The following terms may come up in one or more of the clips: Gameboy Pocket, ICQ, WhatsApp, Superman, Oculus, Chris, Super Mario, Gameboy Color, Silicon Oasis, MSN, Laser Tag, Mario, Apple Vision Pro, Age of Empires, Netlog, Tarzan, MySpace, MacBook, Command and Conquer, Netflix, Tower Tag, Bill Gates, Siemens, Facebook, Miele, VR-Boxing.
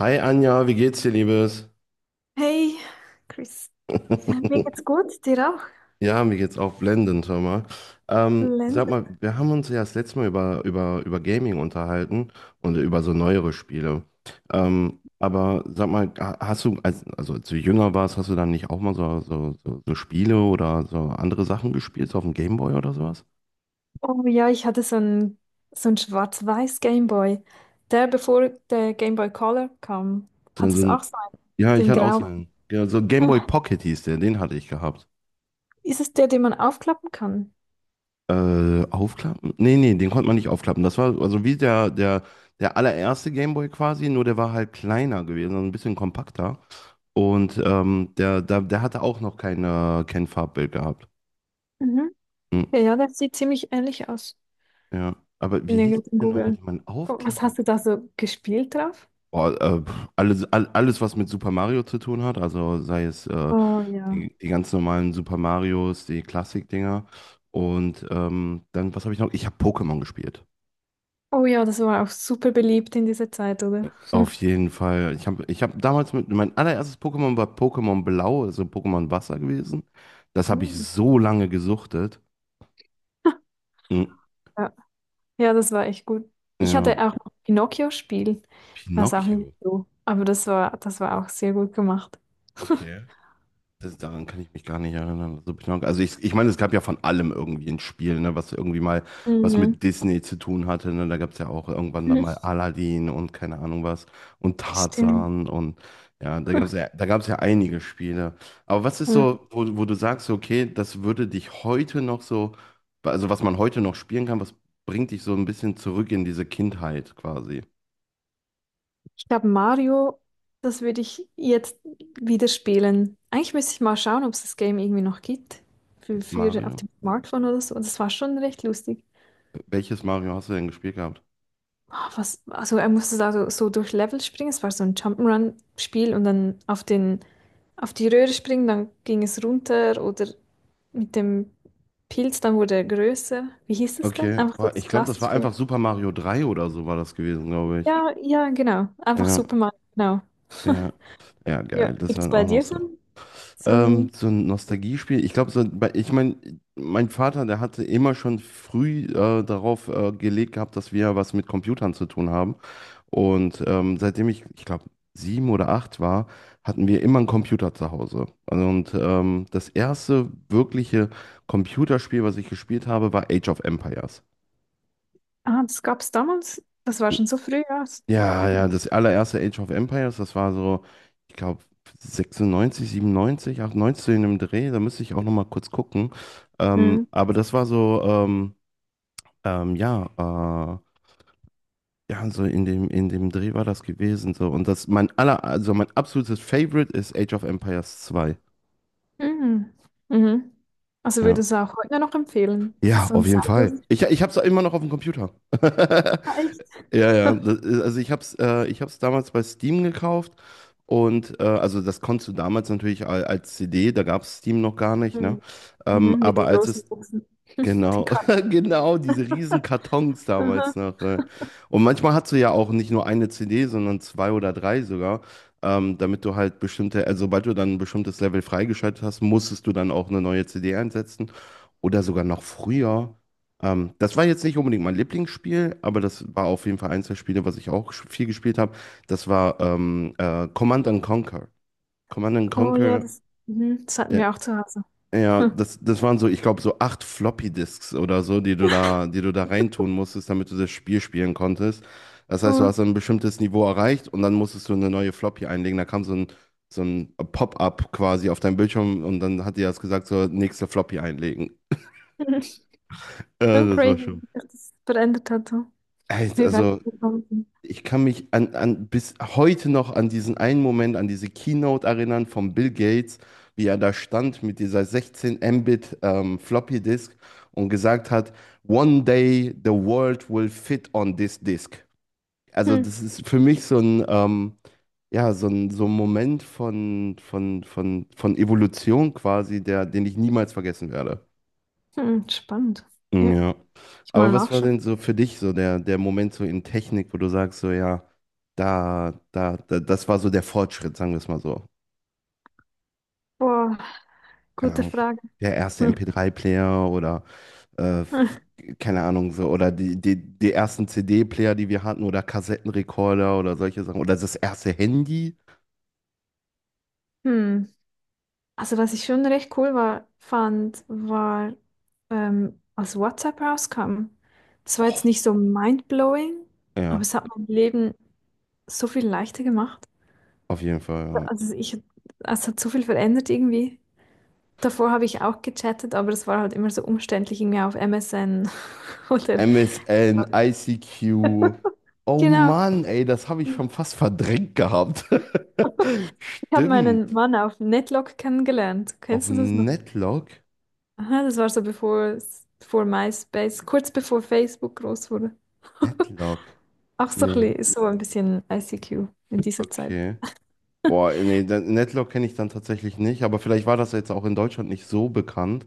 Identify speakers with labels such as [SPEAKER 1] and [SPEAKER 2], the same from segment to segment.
[SPEAKER 1] Hi Anja, wie geht's dir, Liebes?
[SPEAKER 2] Hey, Chris. Ja, mir geht's gut, dir auch?
[SPEAKER 1] Ja, mir geht's auch blendend, hör mal. Sag
[SPEAKER 2] Lenzen.
[SPEAKER 1] mal, wir haben uns ja das letzte Mal über Gaming unterhalten und über so neuere Spiele. Aber sag mal, hast du, also als du jünger warst, hast du dann nicht auch mal so Spiele oder so andere Sachen gespielt, so auf dem Gameboy oder sowas?
[SPEAKER 2] Oh ja, ich hatte so ein schwarz-weiß Gameboy. Der, bevor der Gameboy Color kam,
[SPEAKER 1] So,
[SPEAKER 2] hat
[SPEAKER 1] so
[SPEAKER 2] es auch
[SPEAKER 1] ein,
[SPEAKER 2] so einen,
[SPEAKER 1] ja, ich
[SPEAKER 2] den
[SPEAKER 1] hatte auch
[SPEAKER 2] grau.
[SPEAKER 1] so einen, ja, so ein Gameboy Pocket hieß der, den hatte ich gehabt.
[SPEAKER 2] Ist es der, den man aufklappen kann?
[SPEAKER 1] Aufklappen? Nee, den konnte man nicht aufklappen. Das war also wie der allererste Gameboy quasi, nur der war halt kleiner gewesen, also ein bisschen kompakter. Und der hatte auch noch kein Farbbild gehabt.
[SPEAKER 2] Mhm.
[SPEAKER 1] Hm,
[SPEAKER 2] Ja, ja, der sieht ziemlich ähnlich aus.
[SPEAKER 1] ja. Aber wie
[SPEAKER 2] Bin
[SPEAKER 1] hieß
[SPEAKER 2] irgendwie
[SPEAKER 1] denn nochmal, die
[SPEAKER 2] googeln.
[SPEAKER 1] man
[SPEAKER 2] Oh, was
[SPEAKER 1] aufklappen?
[SPEAKER 2] hast du da so gespielt drauf?
[SPEAKER 1] Boah, alles, was mit Super Mario zu tun hat, also sei es
[SPEAKER 2] Oh ja.
[SPEAKER 1] die ganz normalen Super Marios, die Klassik-Dinger. Und dann, was habe ich noch? Ich habe Pokémon gespielt.
[SPEAKER 2] Oh ja, das war auch super beliebt in dieser Zeit, oder?
[SPEAKER 1] Auf jeden Fall. Ich hab damals mit, mein allererstes Pokémon war Pokémon Blau, also Pokémon Wasser gewesen. Das habe ich
[SPEAKER 2] Hm.
[SPEAKER 1] so lange gesuchtet. Mm,
[SPEAKER 2] Ja, ja, das war echt gut. Ich hatte
[SPEAKER 1] ja.
[SPEAKER 2] auch noch ein Pinocchio-Spiel. Ich weiß auch nicht
[SPEAKER 1] Pinocchio.
[SPEAKER 2] so. Aber das war auch sehr gut gemacht.
[SPEAKER 1] Okay. Das, daran kann ich mich gar nicht erinnern. Also, also ich meine, es gab ja von allem irgendwie ein Spiel, ne, was irgendwie mal was
[SPEAKER 2] Mhm.
[SPEAKER 1] mit Disney zu tun hatte. Ne? Da gab es ja auch irgendwann dann
[SPEAKER 2] Mhm.
[SPEAKER 1] mal Aladdin und keine Ahnung was und
[SPEAKER 2] Stimmt.
[SPEAKER 1] Tarzan und ja, da gab es ja einige Spiele. Aber was ist
[SPEAKER 2] Mhm.
[SPEAKER 1] so, wo du sagst, so, okay, das würde dich heute noch so, also was man heute noch spielen kann, was bringt dich so ein bisschen zurück in diese Kindheit quasi?
[SPEAKER 2] Ich glaube, Mario, das würde ich jetzt wieder spielen. Eigentlich müsste ich mal schauen, ob es das Game irgendwie noch gibt. Für auf
[SPEAKER 1] Mario?
[SPEAKER 2] dem Smartphone oder so. Das war schon recht lustig.
[SPEAKER 1] Welches Mario hast du denn gespielt gehabt?
[SPEAKER 2] Ah, was, also er musste da so durch Level springen. Es war so ein Jump'n'Run-Spiel und dann auf die Röhre springen, dann ging es runter oder mit dem Pilz, dann wurde er größer. Wie hieß es denn?
[SPEAKER 1] Okay,
[SPEAKER 2] Einfach so
[SPEAKER 1] boah,
[SPEAKER 2] das
[SPEAKER 1] ich glaube, das war
[SPEAKER 2] klassische.
[SPEAKER 1] einfach Super Mario 3 oder so war das gewesen, glaube ich.
[SPEAKER 2] Ja, ja, genau. Einfach
[SPEAKER 1] Ja,
[SPEAKER 2] Superman, genau.
[SPEAKER 1] ja. Ja,
[SPEAKER 2] Ja.
[SPEAKER 1] geil, das
[SPEAKER 2] Gibt es
[SPEAKER 1] war
[SPEAKER 2] bei
[SPEAKER 1] auch noch
[SPEAKER 2] dir so
[SPEAKER 1] so.
[SPEAKER 2] ein, so
[SPEAKER 1] Ähm,
[SPEAKER 2] ein...
[SPEAKER 1] so ein Nostalgiespiel. Ich glaube, so, ich meine, mein Vater, der hatte immer schon früh darauf gelegt gehabt, dass wir was mit Computern zu tun haben. Und seitdem ich glaube, sieben oder acht war, hatten wir immer einen Computer zu Hause. Und das erste wirkliche Computerspiel, was ich gespielt habe, war Age of Empires.
[SPEAKER 2] Ah, das gab es damals. Das war schon so früh, ja.
[SPEAKER 1] Ja, ja, das allererste Age of Empires, das war so, ich glaube, 96, 97, 98 in dem Dreh, da müsste ich auch nochmal kurz gucken.
[SPEAKER 2] Mhm.
[SPEAKER 1] Aber das war so, ja, ja, so in in dem Dreh war das gewesen. So. Und das mein aller, also mein absolutes Favorite ist Age of Empires 2.
[SPEAKER 2] Mhm. Mhm. Also
[SPEAKER 1] Ja.
[SPEAKER 2] würdest du auch heute noch empfehlen? Das ist
[SPEAKER 1] Ja,
[SPEAKER 2] so ein
[SPEAKER 1] auf jeden Fall.
[SPEAKER 2] zeitloses.
[SPEAKER 1] Ich hab's immer noch auf dem Computer.
[SPEAKER 2] Ah, echt?
[SPEAKER 1] Ja, ja. Also ich hab's damals bei Steam gekauft und also das konntest du damals natürlich als CD, da gab's Steam noch gar nicht, ne?
[SPEAKER 2] Mhm. Mhm. Mit
[SPEAKER 1] Aber
[SPEAKER 2] den
[SPEAKER 1] als
[SPEAKER 2] großen
[SPEAKER 1] es.
[SPEAKER 2] Buchsen, den
[SPEAKER 1] Genau,
[SPEAKER 2] Karten.
[SPEAKER 1] genau, diese riesen Kartons
[SPEAKER 2] Aha.
[SPEAKER 1] damals noch. Und manchmal hast du ja auch nicht nur eine CD, sondern zwei oder drei sogar, damit du halt bestimmte, also sobald du dann ein bestimmtes Level freigeschaltet hast, musstest du dann auch eine neue CD einsetzen oder sogar noch früher. Das war jetzt nicht unbedingt mein Lieblingsspiel, aber das war auf jeden Fall eins der Spiele, was ich auch viel gespielt habe. Das war Command and Conquer. Command and
[SPEAKER 2] Oh ja,
[SPEAKER 1] Conquer,
[SPEAKER 2] das, mhm. Das hatten
[SPEAKER 1] ja.
[SPEAKER 2] wir auch zu Hause.
[SPEAKER 1] Ja, das waren so, ich glaube, so acht Floppy-Disks oder so, die du da reintun musstest, damit du das Spiel spielen konntest. Das heißt, du
[SPEAKER 2] Oh.
[SPEAKER 1] hast ein bestimmtes Niveau erreicht und dann musstest du eine neue Floppy einlegen. Da kam so ein Pop-up quasi auf deinem Bildschirm und dann hat dir das gesagt, so nächste Floppy einlegen. Ja,
[SPEAKER 2] Schon
[SPEAKER 1] das war
[SPEAKER 2] crazy,
[SPEAKER 1] schon.
[SPEAKER 2] dass das verändert hat, so.
[SPEAKER 1] Echt,
[SPEAKER 2] Wie
[SPEAKER 1] also
[SPEAKER 2] weitergekommen sind.
[SPEAKER 1] ich kann mich bis heute noch an diesen einen Moment, an diese Keynote erinnern von Bill Gates, wie er da stand mit dieser 16 Mbit Floppy Disk und gesagt hat, "One day the world will fit on this disk." Also
[SPEAKER 2] Hm.
[SPEAKER 1] das ist für mich so ein, ja, so ein Moment von, von Evolution quasi, der, den ich niemals vergessen werde.
[SPEAKER 2] Hm, spannend. Ja,
[SPEAKER 1] Ja.
[SPEAKER 2] ich
[SPEAKER 1] Aber
[SPEAKER 2] mal
[SPEAKER 1] was war
[SPEAKER 2] nachschauen.
[SPEAKER 1] denn so für dich so der Moment so in Technik, wo du sagst, so ja, das war so der Fortschritt, sagen wir es mal so.
[SPEAKER 2] Boah,
[SPEAKER 1] Keine
[SPEAKER 2] gute
[SPEAKER 1] Ahnung,
[SPEAKER 2] Frage.
[SPEAKER 1] der erste MP3-Player oder äh,
[SPEAKER 2] Hm.
[SPEAKER 1] f- keine Ahnung so, oder die ersten CD-Player, die wir hatten, oder Kassettenrekorder oder solche Sachen. Oder das erste Handy.
[SPEAKER 2] Hm. Also, was ich schon recht cool war, fand, war, als WhatsApp rauskam. Es war jetzt
[SPEAKER 1] Oh,
[SPEAKER 2] nicht so mindblowing, aber
[SPEAKER 1] ja,
[SPEAKER 2] es hat mein Leben so viel leichter gemacht.
[SPEAKER 1] auf jeden Fall. Ja.
[SPEAKER 2] Also, es hat so viel verändert irgendwie. Davor habe ich auch gechattet, aber es war halt immer so umständlich, irgendwie auf MSN oder.
[SPEAKER 1] MSN, ICQ. Oh
[SPEAKER 2] Genau.
[SPEAKER 1] Mann, ey, das habe ich
[SPEAKER 2] Ich
[SPEAKER 1] schon fast verdrängt gehabt.
[SPEAKER 2] habe meinen
[SPEAKER 1] Stimmt.
[SPEAKER 2] Mann auf Netlog kennengelernt.
[SPEAKER 1] Auf
[SPEAKER 2] Kennst du das noch?
[SPEAKER 1] Netlog?
[SPEAKER 2] Aha, das war so bevor, vor MySpace, kurz bevor Facebook groß wurde.
[SPEAKER 1] Netlog.
[SPEAKER 2] Auch so ein
[SPEAKER 1] Nee.
[SPEAKER 2] bisschen, so ein bisschen ICQ in dieser Zeit.
[SPEAKER 1] Okay. Boah, nee, Netlog kenne ich dann tatsächlich nicht, aber vielleicht war das jetzt auch in Deutschland nicht so bekannt.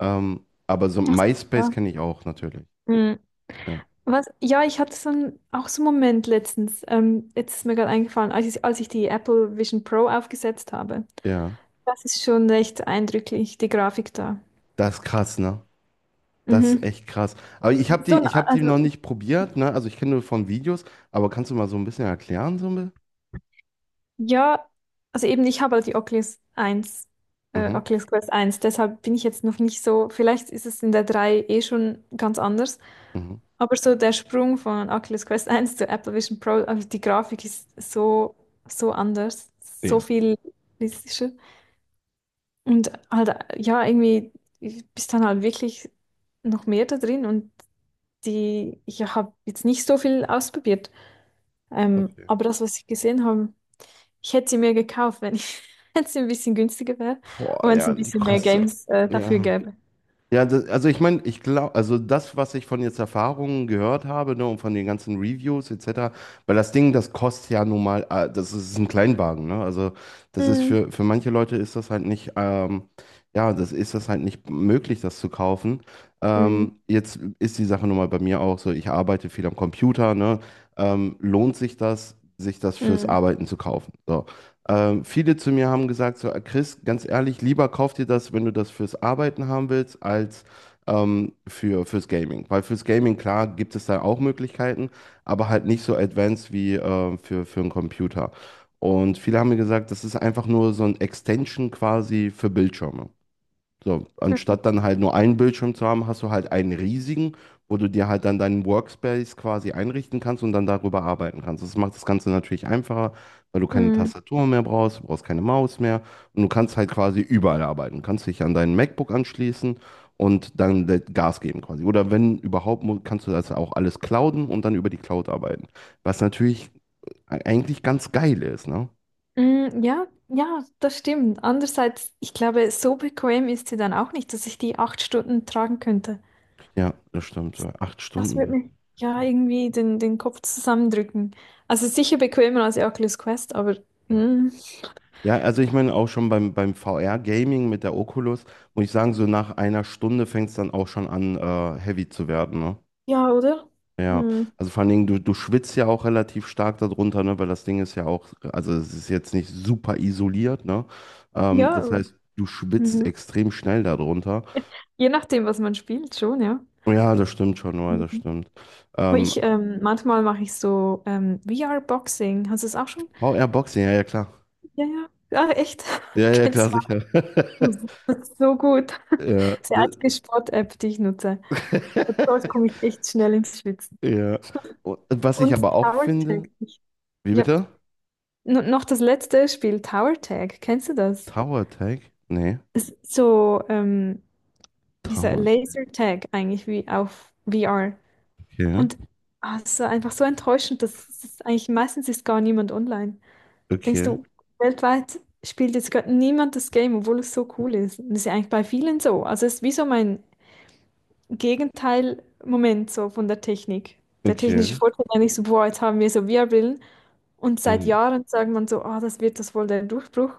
[SPEAKER 1] Aber so
[SPEAKER 2] Ach so,
[SPEAKER 1] MySpace
[SPEAKER 2] ja.
[SPEAKER 1] kenne ich auch natürlich.
[SPEAKER 2] Mhm.
[SPEAKER 1] Ja.
[SPEAKER 2] Was? Ja, ich hatte so einen, auch so einen Moment letztens. Jetzt ist mir gerade eingefallen, als ich die Apple Vision Pro aufgesetzt habe.
[SPEAKER 1] Ja.
[SPEAKER 2] Das ist schon recht eindrücklich, die Grafik da.
[SPEAKER 1] Das ist krass, ne? Das ist
[SPEAKER 2] Mhm.
[SPEAKER 1] echt krass. Aber ich habe die,
[SPEAKER 2] So,
[SPEAKER 1] ich hab die noch
[SPEAKER 2] also.
[SPEAKER 1] nicht probiert, ne? Also ich kenne nur von Videos, aber kannst du mal so ein bisschen erklären, so ein bisschen?
[SPEAKER 2] Ja, also eben, ich habe halt die Oculus 1,
[SPEAKER 1] Mhm.
[SPEAKER 2] Oculus Quest 1. Deshalb bin ich jetzt noch nicht so, vielleicht ist es in der 3 eh schon ganz anders,
[SPEAKER 1] Mhm.
[SPEAKER 2] aber so der Sprung von Oculus Quest 1 zu Apple Vision Pro, also die Grafik ist so, so anders, so
[SPEAKER 1] Ja.
[SPEAKER 2] viel realistischer und halt, ja, irgendwie bist dann halt wirklich noch mehr da drin und ich habe jetzt nicht so viel ausprobiert,
[SPEAKER 1] Okay.
[SPEAKER 2] aber das, was ich gesehen habe, ich hätte sie mir gekauft, wenn ich, wenn sie ein bisschen günstiger wäre
[SPEAKER 1] Boah,
[SPEAKER 2] und wenn es
[SPEAKER 1] ja,
[SPEAKER 2] ein
[SPEAKER 1] die
[SPEAKER 2] bisschen mehr
[SPEAKER 1] kostet.
[SPEAKER 2] Games dafür
[SPEAKER 1] Ja.
[SPEAKER 2] gäbe.
[SPEAKER 1] Ja, das, also ich glaube, also das, was ich von jetzt Erfahrungen gehört habe, ne, und von den ganzen Reviews etc., weil das Ding, das kostet ja nun mal, das ist ein Kleinwagen, ne? Also das ist
[SPEAKER 2] Mm,
[SPEAKER 1] für manche Leute ist das halt nicht, ja, das ist das halt nicht möglich, das zu kaufen.
[SPEAKER 2] mm,
[SPEAKER 1] Jetzt ist die Sache nun mal bei mir auch so, ich arbeite viel am Computer, ne? Lohnt sich sich das fürs
[SPEAKER 2] mm,
[SPEAKER 1] Arbeiten zu kaufen? So. Viele zu mir haben gesagt, so, Chris, ganz ehrlich, lieber kauf dir das, wenn du das fürs Arbeiten haben willst, als fürs Gaming. Weil fürs Gaming, klar, gibt es da auch Möglichkeiten, aber halt nicht so advanced wie für einen Computer. Und viele haben mir gesagt, das ist einfach nur so ein Extension quasi für Bildschirme. So, anstatt dann halt nur einen Bildschirm zu haben, hast du halt einen riesigen, wo du dir halt dann deinen Workspace quasi einrichten kannst und dann darüber arbeiten kannst. Das macht das Ganze natürlich einfacher, weil du keine
[SPEAKER 2] mm,
[SPEAKER 1] Tastatur mehr brauchst, du brauchst keine Maus mehr und du kannst halt quasi überall arbeiten. Du kannst dich an deinen MacBook anschließen und dann Gas geben quasi. Oder wenn überhaupt, kannst du das auch alles clouden und dann über die Cloud arbeiten. Was natürlich eigentlich ganz geil ist, ne?
[SPEAKER 2] mm, ja, ja, das stimmt. Andererseits, ich glaube, so bequem ist sie dann auch nicht, dass ich die 8 Stunden tragen könnte.
[SPEAKER 1] Ja, das stimmt. So Acht
[SPEAKER 2] Das wird
[SPEAKER 1] Stunden.
[SPEAKER 2] mir ja irgendwie den Kopf zusammendrücken. Also sicher bequemer als die Oculus Quest, aber mm,
[SPEAKER 1] Ja, also ich meine auch schon beim VR-Gaming mit der Oculus, muss ich sagen, so nach einer Stunde fängt es dann auch schon an, heavy zu werden, ne?
[SPEAKER 2] ja, oder?
[SPEAKER 1] Ja,
[SPEAKER 2] Mm,
[SPEAKER 1] also vor allen Dingen, du schwitzt ja auch relativ stark darunter, ne? Weil das Ding ist ja auch, also es ist jetzt nicht super isoliert, ne?
[SPEAKER 2] ja,
[SPEAKER 1] Das heißt, du schwitzt
[SPEAKER 2] mhm.
[SPEAKER 1] extrem schnell darunter.
[SPEAKER 2] Je nachdem, was man spielt, schon, ja.
[SPEAKER 1] Ja, das stimmt schon, ja, das stimmt.
[SPEAKER 2] Aber
[SPEAKER 1] Ähm,
[SPEAKER 2] manchmal mache ich so VR-Boxing. Hast du es auch schon?
[SPEAKER 1] VR-Boxing, ja, ja, klar.
[SPEAKER 2] Ja, ja. Ah, echt?
[SPEAKER 1] Ja, ja, klar,
[SPEAKER 2] Kennst
[SPEAKER 1] sicher.
[SPEAKER 2] so gut.
[SPEAKER 1] Ja,
[SPEAKER 2] Das ist die einzige Sport-App, die ich nutze. Und dort komme ich echt schnell ins Schwitzen.
[SPEAKER 1] Ja. Und was ich
[SPEAKER 2] Und
[SPEAKER 1] aber auch
[SPEAKER 2] Tower
[SPEAKER 1] finde.
[SPEAKER 2] Tag.
[SPEAKER 1] Wie
[SPEAKER 2] Ja,
[SPEAKER 1] bitte?
[SPEAKER 2] N noch das letzte Spiel, Tower Tag. Kennst du das?
[SPEAKER 1] Tower Attack? Nee.
[SPEAKER 2] Es ist so, wie sagt,
[SPEAKER 1] Tower.
[SPEAKER 2] Laser Tag eigentlich, wie auf VR.
[SPEAKER 1] Okay.
[SPEAKER 2] Und ah, es ist so einfach so enttäuschend, dass eigentlich meistens ist gar niemand online. Denkst
[SPEAKER 1] Okay.
[SPEAKER 2] du, weltweit spielt jetzt gerade niemand das Game, obwohl es so cool ist? Und das ist ja eigentlich bei vielen so. Also es ist wie so mein Gegenteil-Moment so von der Technik. Der technische
[SPEAKER 1] Okay.
[SPEAKER 2] Fortschritt ist eigentlich so, boah, jetzt haben wir so VR-Brillen. Und seit
[SPEAKER 1] Mhm.
[SPEAKER 2] Jahren sagt man so, ah, das wird das wohl der Durchbruch.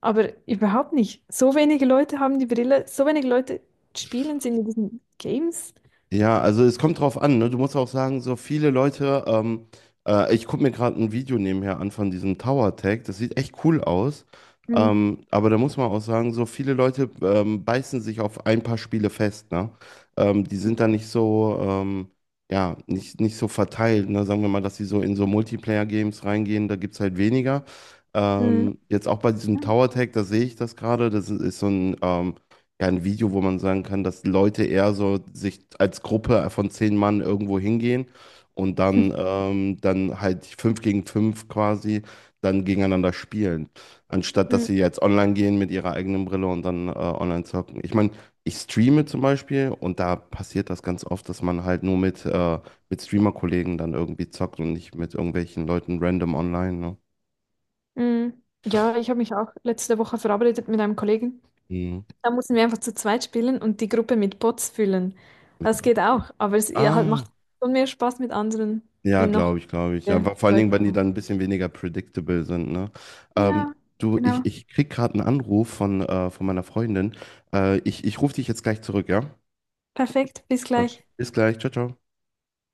[SPEAKER 2] Aber überhaupt nicht. So wenige Leute haben die Brille, so wenige Leute spielen sie in diesen Games.
[SPEAKER 1] Ja, also es kommt drauf an, ne? Du musst auch sagen, so viele Leute, ich gucke mir gerade ein Video nebenher an von diesem Tower Tag, das sieht echt cool aus.
[SPEAKER 2] Mhm.
[SPEAKER 1] Aber da muss man auch sagen, so viele Leute beißen sich auf ein paar Spiele fest, ne? Die sind da nicht so, ja, nicht so verteilt, ne? Sagen wir mal, dass sie so in so Multiplayer-Games reingehen, da gibt es halt weniger.
[SPEAKER 2] Mhm.
[SPEAKER 1] Jetzt auch bei diesem
[SPEAKER 2] Ja,
[SPEAKER 1] Tower
[SPEAKER 2] stimmt.
[SPEAKER 1] Tag, da sehe ich das gerade, das ist so ein kein Video, wo man sagen kann, dass Leute eher so sich als Gruppe von 10 Mann irgendwo hingehen und dann, dann halt fünf gegen fünf quasi dann gegeneinander spielen. Anstatt dass
[SPEAKER 2] Mhm.
[SPEAKER 1] sie jetzt online gehen mit ihrer eigenen Brille und dann online zocken. Ich meine, ich streame zum Beispiel und da passiert das ganz oft, dass man halt nur mit Streamer-Kollegen dann irgendwie zockt und nicht mit irgendwelchen Leuten random online. Ne?
[SPEAKER 2] Mhm. Ja, ich habe mich auch letzte Woche verabredet mit einem Kollegen.
[SPEAKER 1] Mhm.
[SPEAKER 2] Da müssen wir einfach zu zweit spielen und die Gruppe mit Bots füllen.
[SPEAKER 1] Mit,
[SPEAKER 2] Das geht auch, aber es ihr halt
[SPEAKER 1] ah.
[SPEAKER 2] macht schon mehr Spaß mit anderen,
[SPEAKER 1] Ja,
[SPEAKER 2] wenn noch
[SPEAKER 1] glaube ich, glaube ich. Ja, vor allen
[SPEAKER 2] Leute
[SPEAKER 1] Dingen, wenn die
[SPEAKER 2] kommen.
[SPEAKER 1] dann ein bisschen weniger predictable sind, ne? Ähm,
[SPEAKER 2] Ja,
[SPEAKER 1] du,
[SPEAKER 2] genau.
[SPEAKER 1] ich krieg gerade einen Anruf von meiner Freundin. Ich rufe dich jetzt gleich zurück, ja?
[SPEAKER 2] Perfekt, bis
[SPEAKER 1] Okay.
[SPEAKER 2] gleich.
[SPEAKER 1] Bis gleich. Ciao, ciao.